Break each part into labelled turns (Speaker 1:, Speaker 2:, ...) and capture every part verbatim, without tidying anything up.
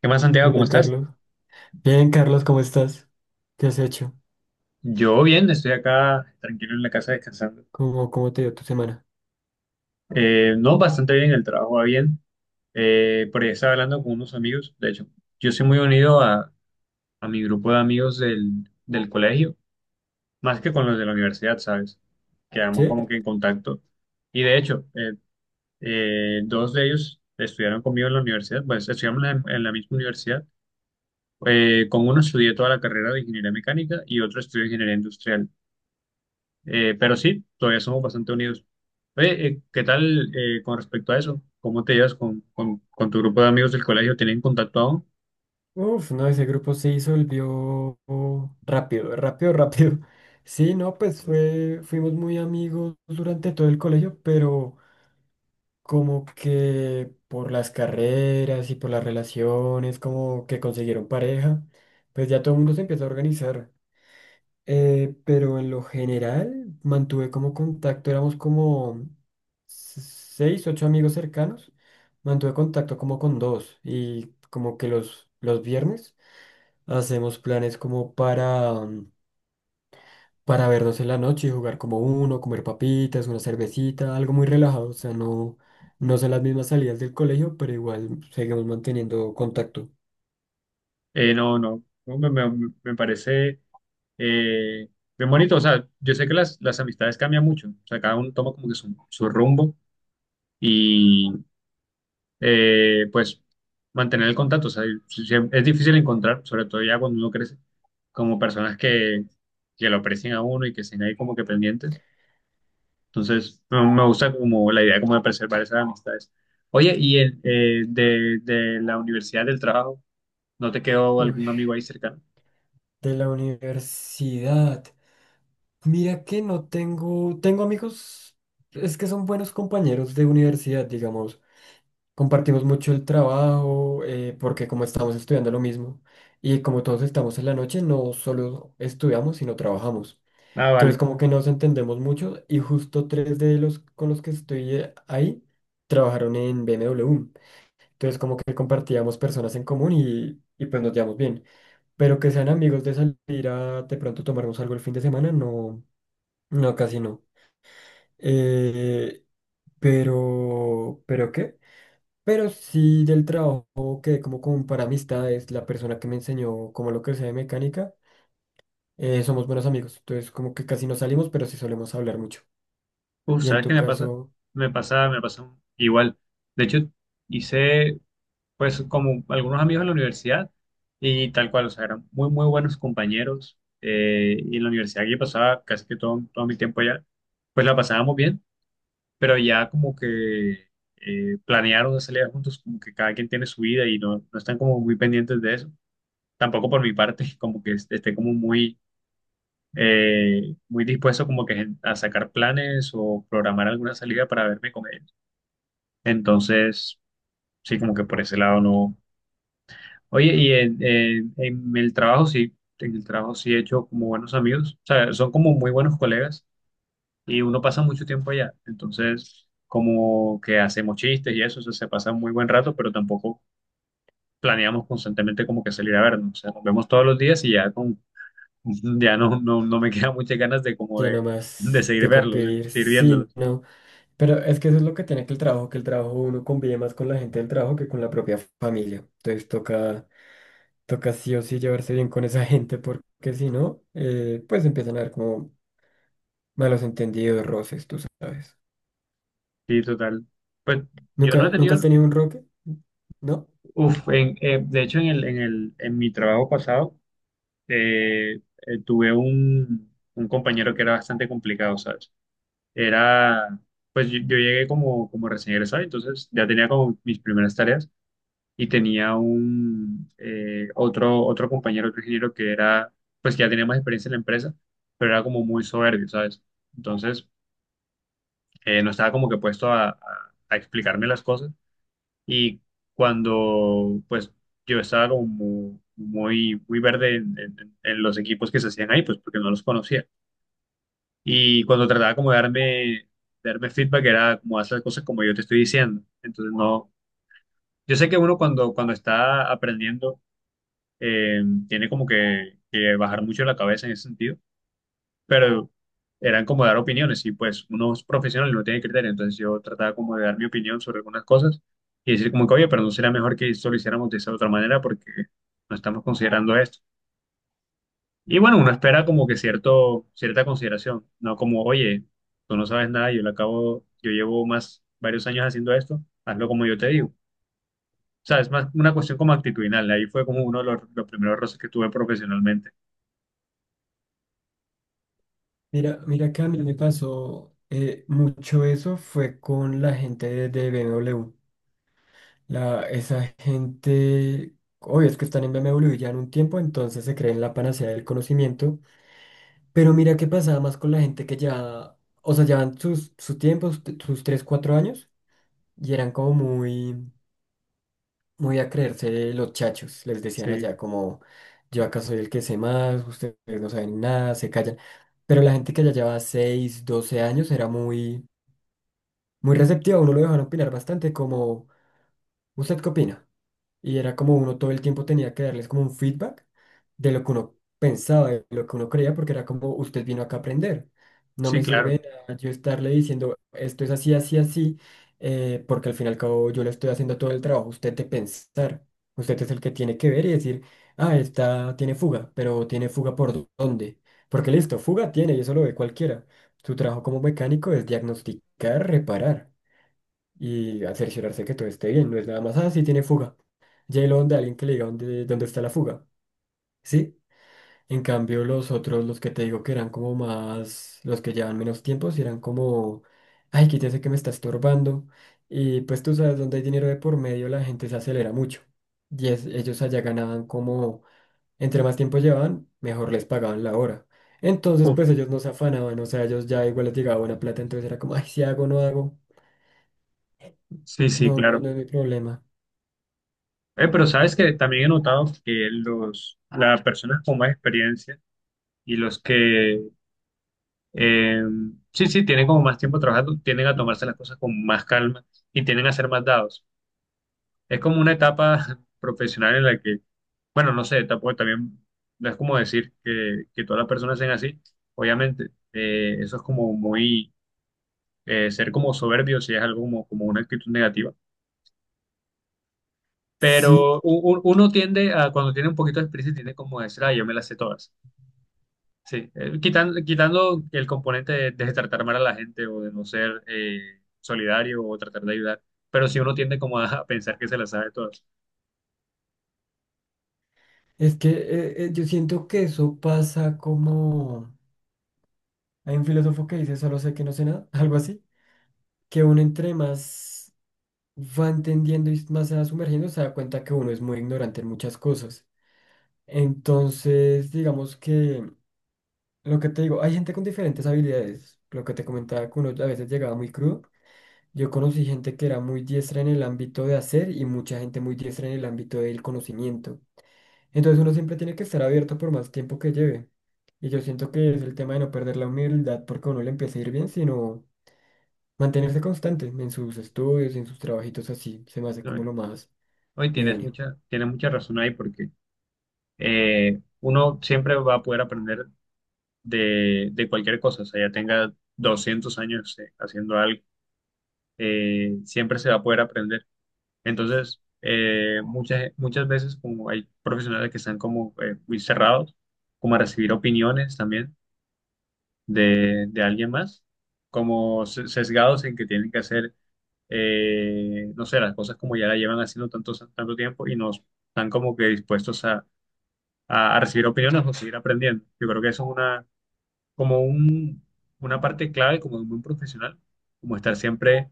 Speaker 1: ¿Qué más, Santiago? ¿Cómo
Speaker 2: Hola
Speaker 1: estás?
Speaker 2: Carlos. Bien, Carlos, ¿cómo estás? ¿Qué has hecho?
Speaker 1: Yo bien, estoy acá tranquilo en la casa descansando.
Speaker 2: ¿Cómo, cómo te dio tu semana?
Speaker 1: Eh, no, bastante bien, el trabajo va bien. Eh, por ahí estaba hablando con unos amigos. De hecho, yo soy muy unido a, a mi grupo de amigos del, del colegio, más que con los de la universidad, ¿sabes? Quedamos
Speaker 2: ¿Sí?
Speaker 1: como que en contacto. Y de hecho, eh, eh, dos de ellos estudiaron conmigo en la universidad, pues estudiamos en la, en la misma universidad. Eh, con uno estudié toda la carrera de ingeniería mecánica y otro estudié ingeniería industrial. Eh, pero sí, todavía somos bastante unidos. Oye, eh, ¿qué tal eh, con respecto a eso? ¿Cómo te llevas con, con- con tu grupo de amigos del colegio? ¿Tienen contacto aún?
Speaker 2: Uf, no, ese grupo se disolvió rápido, rápido, rápido. Sí, no, pues fue, fuimos muy amigos durante todo el colegio, pero como que por las carreras y por las relaciones, como que consiguieron pareja, pues ya todo el mundo se empieza a organizar. Eh, pero en lo general mantuve como contacto, éramos como se- seis, ocho amigos cercanos, mantuve contacto como con dos y como que los, los viernes hacemos planes como para, mm, para vernos en la noche y jugar como uno, comer papitas, una cervecita, algo muy relajado, o sea, no, no son las mismas salidas del colegio, pero igual seguimos manteniendo contacto.
Speaker 1: Eh, no, no, no, me, me- me parece eh, bien bonito. O sea, yo sé que las, las amistades cambian mucho. O sea, cada uno toma como que su, su rumbo y eh, pues mantener el contacto. O sea, si- si es difícil encontrar, sobre todo ya cuando uno crece, como personas que, que lo aprecian a uno y que estén ahí como que pendientes. Entonces, me me gusta como la idea como de preservar esas amistades. Oye, ¿y el, eh, de, de la universidad del trabajo, no te quedó
Speaker 2: Uy,
Speaker 1: algún amigo ahí cercano?
Speaker 2: de la universidad. Mira que no tengo, tengo amigos, es que son buenos compañeros de universidad, digamos, compartimos mucho el trabajo, eh, porque como estamos estudiando lo mismo y como todos estamos en la noche, no solo estudiamos, sino trabajamos.
Speaker 1: Ah,
Speaker 2: Entonces
Speaker 1: vale.
Speaker 2: como que nos entendemos mucho y justo tres de los con los que estoy eh, ahí trabajaron en B M W. Entonces como que compartíamos personas en común y, y pues nos llevamos bien. Pero que sean amigos de salir a de pronto tomarnos algo el fin de semana, no, no, casi no. Eh, pero, ¿pero qué? Pero sí del trabajo que como con para amistades, la persona que me enseñó como lo que sea de mecánica, eh, somos buenos amigos. Entonces como que casi no salimos, pero sí solemos hablar mucho.
Speaker 1: Uf,
Speaker 2: Y en
Speaker 1: ¿sabes
Speaker 2: tu
Speaker 1: qué me pasa?
Speaker 2: caso,
Speaker 1: Me pasa, me pasa igual. De hecho, hice pues como algunos amigos en la universidad y tal cual, o sea, eran muy, muy buenos compañeros. Eh, y en la universidad que yo pasaba casi que todo, todo mi tiempo allá, pues la pasábamos bien, pero ya como que eh, planearon una salida juntos, como que cada quien tiene su vida y no, no están como muy pendientes de eso. Tampoco por mi parte, como que est- esté como muy, eh, muy dispuesto como que gen- a sacar planes o programar alguna salida para verme con él. Entonces, sí, como que por ese lado no. Oye, y en, en- en el trabajo sí, en el trabajo sí he hecho como buenos amigos, o sea, son como muy buenos colegas y uno pasa mucho tiempo allá. Entonces, como que hacemos chistes y eso, o sea, se pasa un muy buen rato, pero tampoco planeamos constantemente como que salir a vernos. O sea, nos vemos todos los días y ya con, ya no, no, no me quedan muchas ganas de como
Speaker 2: ya
Speaker 1: de, de
Speaker 2: nomás
Speaker 1: seguir
Speaker 2: de
Speaker 1: verlos, ¿sí?
Speaker 2: convivir,
Speaker 1: Seguir
Speaker 2: sí,
Speaker 1: viéndolos.
Speaker 2: no. Pero es que eso es lo que tiene que el trabajo, que el trabajo uno convive más con la gente del trabajo que con la propia familia. Entonces toca, toca sí o sí llevarse bien con esa gente, porque si no, eh, pues empiezan a ver como malos entendidos, roces, tú sabes.
Speaker 1: Sí, total. Pues yo no he
Speaker 2: ¿Nunca, nunca
Speaker 1: tenido,
Speaker 2: has tenido un roque? ¿No?
Speaker 1: uf, en, eh, de hecho en el, en el, en mi trabajo pasado, eh, eh, tuve un, un compañero que era bastante complicado, ¿sabes? Era, pues yo, yo llegué como, como recién egresado, entonces ya tenía como mis primeras tareas y tenía un eh, otro, otro compañero, otro ingeniero que era, pues que ya tenía más experiencia en la empresa, pero era como muy soberbio, ¿sabes? Entonces eh, no estaba como que puesto a, a- a explicarme las cosas y cuando pues yo estaba como mu- muy, muy verde en, en en los equipos que se hacían ahí, pues porque no los conocía. Y cuando trataba como de darme, de darme feedback, era como hacer las cosas como yo te estoy diciendo. Entonces, no, yo sé que uno cuando, cuando está aprendiendo, eh, tiene como que, que bajar mucho la cabeza en ese sentido, pero eran como dar opiniones y pues uno es profesional y no tiene criterio. Entonces yo trataba como de dar mi opinión sobre algunas cosas y decir como que, oye, pero no sería mejor que esto lo hiciéramos de esa otra manera porque no estamos considerando esto. Y bueno, uno espera como que cierto, cierta consideración, no como, oye, tú no sabes nada, yo lo acabo, yo llevo más, varios años haciendo esto, hazlo como yo te digo. O sea, es más una cuestión como actitudinal, ahí fue como uno de los, los primeros roces que tuve profesionalmente.
Speaker 2: Mira, mira que a mí me pasó eh, mucho eso fue con la gente de, de B M W. La, esa gente, obvio es que están en B M W ya en un tiempo, entonces se creen la panacea del conocimiento. Pero mira qué pasaba más con la gente que ya, o sea, llevan sus, su tiempo, sus tres cuatro años, y eran como muy... muy a creerse los chachos, les decían
Speaker 1: Sí,
Speaker 2: allá, como yo acá soy el que sé más, ustedes no saben nada, se callan. Pero la gente que ya llevaba seis doce años era muy, muy receptiva, uno lo dejaban opinar bastante, como, ¿usted qué opina? Y era como uno todo el tiempo tenía que darles como un feedback de lo que uno pensaba, de lo que uno creía, porque era como, usted vino acá a aprender. No
Speaker 1: sí,
Speaker 2: me
Speaker 1: claro.
Speaker 2: sirve de nada yo estarle diciendo, esto es así, así, así, eh, porque al fin y al cabo yo le estoy haciendo todo el trabajo, usted de pensar. Usted es el que tiene que ver y decir, ah, esta tiene fuga, pero tiene fuga por dó- dónde. Porque listo, fuga tiene y eso lo ve cualquiera. Su trabajo como mecánico es diagnosticar, reparar y a cerciorarse que todo esté bien. No es nada más, ah, sí tiene fuga. J-Lo de alguien que le diga dónde, dónde está la fuga. Sí. En cambio, los otros, los que te digo que eran como más, los que llevan menos tiempo, sí eran como, ay, quítese que me está estorbando. Y pues tú sabes, donde hay dinero de por medio, la gente se acelera mucho. Y es- ellos allá ganaban como, entre más tiempo llevaban, mejor les pagaban la hora. Entonces,
Speaker 1: Uf,
Speaker 2: pues ellos no se afanaban, o sea, ellos ya igual les llegaba buena plata, entonces era como, ay, si hago, no hago,
Speaker 1: sí, sí,
Speaker 2: no, no,
Speaker 1: claro.
Speaker 2: no es mi problema.
Speaker 1: Eh, pero sabes que también he notado que los, las personas con más experiencia y los que, eh, sí, sí, tienen como más tiempo trabajando, tienden a tomarse las cosas con más calma y tienden a ser más dados. Es como una etapa profesional en la que, bueno, no sé, tampoco también, no es como decir que, que todas las personas sean así. Obviamente, eh, eso es como muy, eh, ser como soberbio, si es algo como, como una actitud negativa.
Speaker 2: Sí.
Speaker 1: Pero u- u- uno tiende a, cuando tiene un poquito de experiencia, tiende como a decir, ah, yo me las sé todas. Sí, quitando, quitando el componente de, de tratar mal a la gente o de no ser eh, solidario o tratar de ayudar. Pero si uno tiende como a, a pensar que se las sabe todas.
Speaker 2: Es que eh, eh, yo siento que eso pasa como... Hay un filósofo que dice, solo sé que no sé nada, algo así, que uno entre más va entendiendo y más se va sumergiendo, se da cuenta que uno es muy ignorante en muchas cosas. Entonces, digamos que lo que te digo, hay gente con diferentes habilidades. Lo que te comentaba, que uno a veces llegaba muy crudo. Yo conocí gente que era muy diestra en el ámbito de hacer y mucha gente muy diestra en el ámbito del conocimiento. Entonces uno siempre tiene que estar abierto por más tiempo que lleve. Y yo siento que es el tema de no perder la humildad porque a uno le empieza a ir bien, sino mantenerse constante en sus estudios, en sus trabajitos así, se me hace como
Speaker 1: ¿No?
Speaker 2: lo más
Speaker 1: Hoy tienes
Speaker 2: idóneo.
Speaker 1: mucha, tienes mucha razón ahí porque eh, uno siempre va a poder aprender de, de cualquier cosa, o sea, ya tenga doscientos años eh, haciendo algo, eh, siempre se va a poder aprender. Entonces, eh, muchas, muchas veces como hay profesionales que están como eh, muy cerrados, como a recibir opiniones también de, de alguien más, como se- sesgados en que tienen que hacer, eh, no sé, las cosas como ya la llevan haciendo tanto, tanto tiempo y no están como que dispuestos a a, a recibir opiniones o seguir aprendiendo. Yo creo que eso es una como un, una parte clave como de un buen profesional, como estar siempre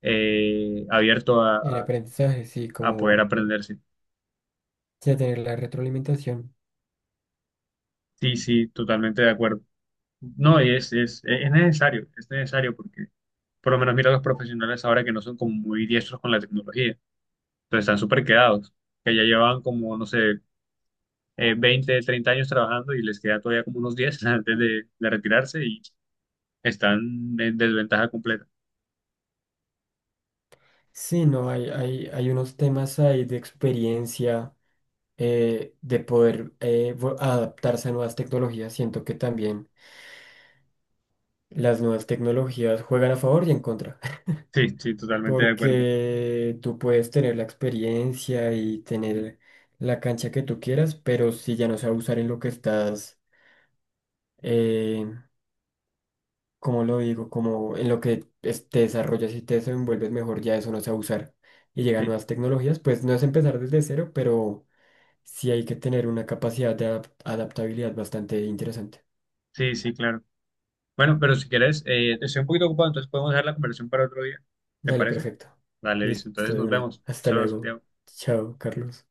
Speaker 1: eh, abierto a,
Speaker 2: En
Speaker 1: a-
Speaker 2: aprendizaje, sí,
Speaker 1: a poder
Speaker 2: como
Speaker 1: aprender. Sí,
Speaker 2: ya tener la retroalimentación.
Speaker 1: sí, sí, totalmente de acuerdo. No, y es, es, es necesario, es necesario porque por lo menos mira los profesionales ahora que no son como muy diestros con la tecnología, entonces están súper quedados, que ya llevan como, no sé, eh, veinte, treinta años trabajando y les queda todavía como unos diez antes de, de retirarse y están en desventaja completa.
Speaker 2: Sí, no, hay, hay, hay unos temas ahí de experiencia, eh, de poder eh, vo- adaptarse a nuevas tecnologías. Siento que también las nuevas tecnologías juegan a favor y en contra.
Speaker 1: Sí, sí, totalmente de acuerdo.
Speaker 2: Porque tú puedes tener la experiencia y tener la cancha que tú quieras, pero si ya no sabes usar en lo que estás, eh, ¿cómo lo digo? Como en lo que es- te desarrollas y te desenvuelves mejor, ya eso no sabe usar. Y llegan
Speaker 1: Sí,
Speaker 2: nuevas tecnologías, pues no es empezar desde cero, pero sí hay que tener una capacidad de adap- adaptabilidad bastante interesante.
Speaker 1: sí, sí, claro. Bueno, pero si quieres, eh, estoy un poquito ocupado, entonces podemos dejar la conversación para otro día. ¿Te
Speaker 2: Dale,
Speaker 1: parece?
Speaker 2: perfecto.
Speaker 1: Dale, listo.
Speaker 2: Listo
Speaker 1: Entonces
Speaker 2: de
Speaker 1: nos
Speaker 2: una.
Speaker 1: vemos.
Speaker 2: Hasta
Speaker 1: Saludos,
Speaker 2: luego.
Speaker 1: Santiago.
Speaker 2: Chao, Carlos.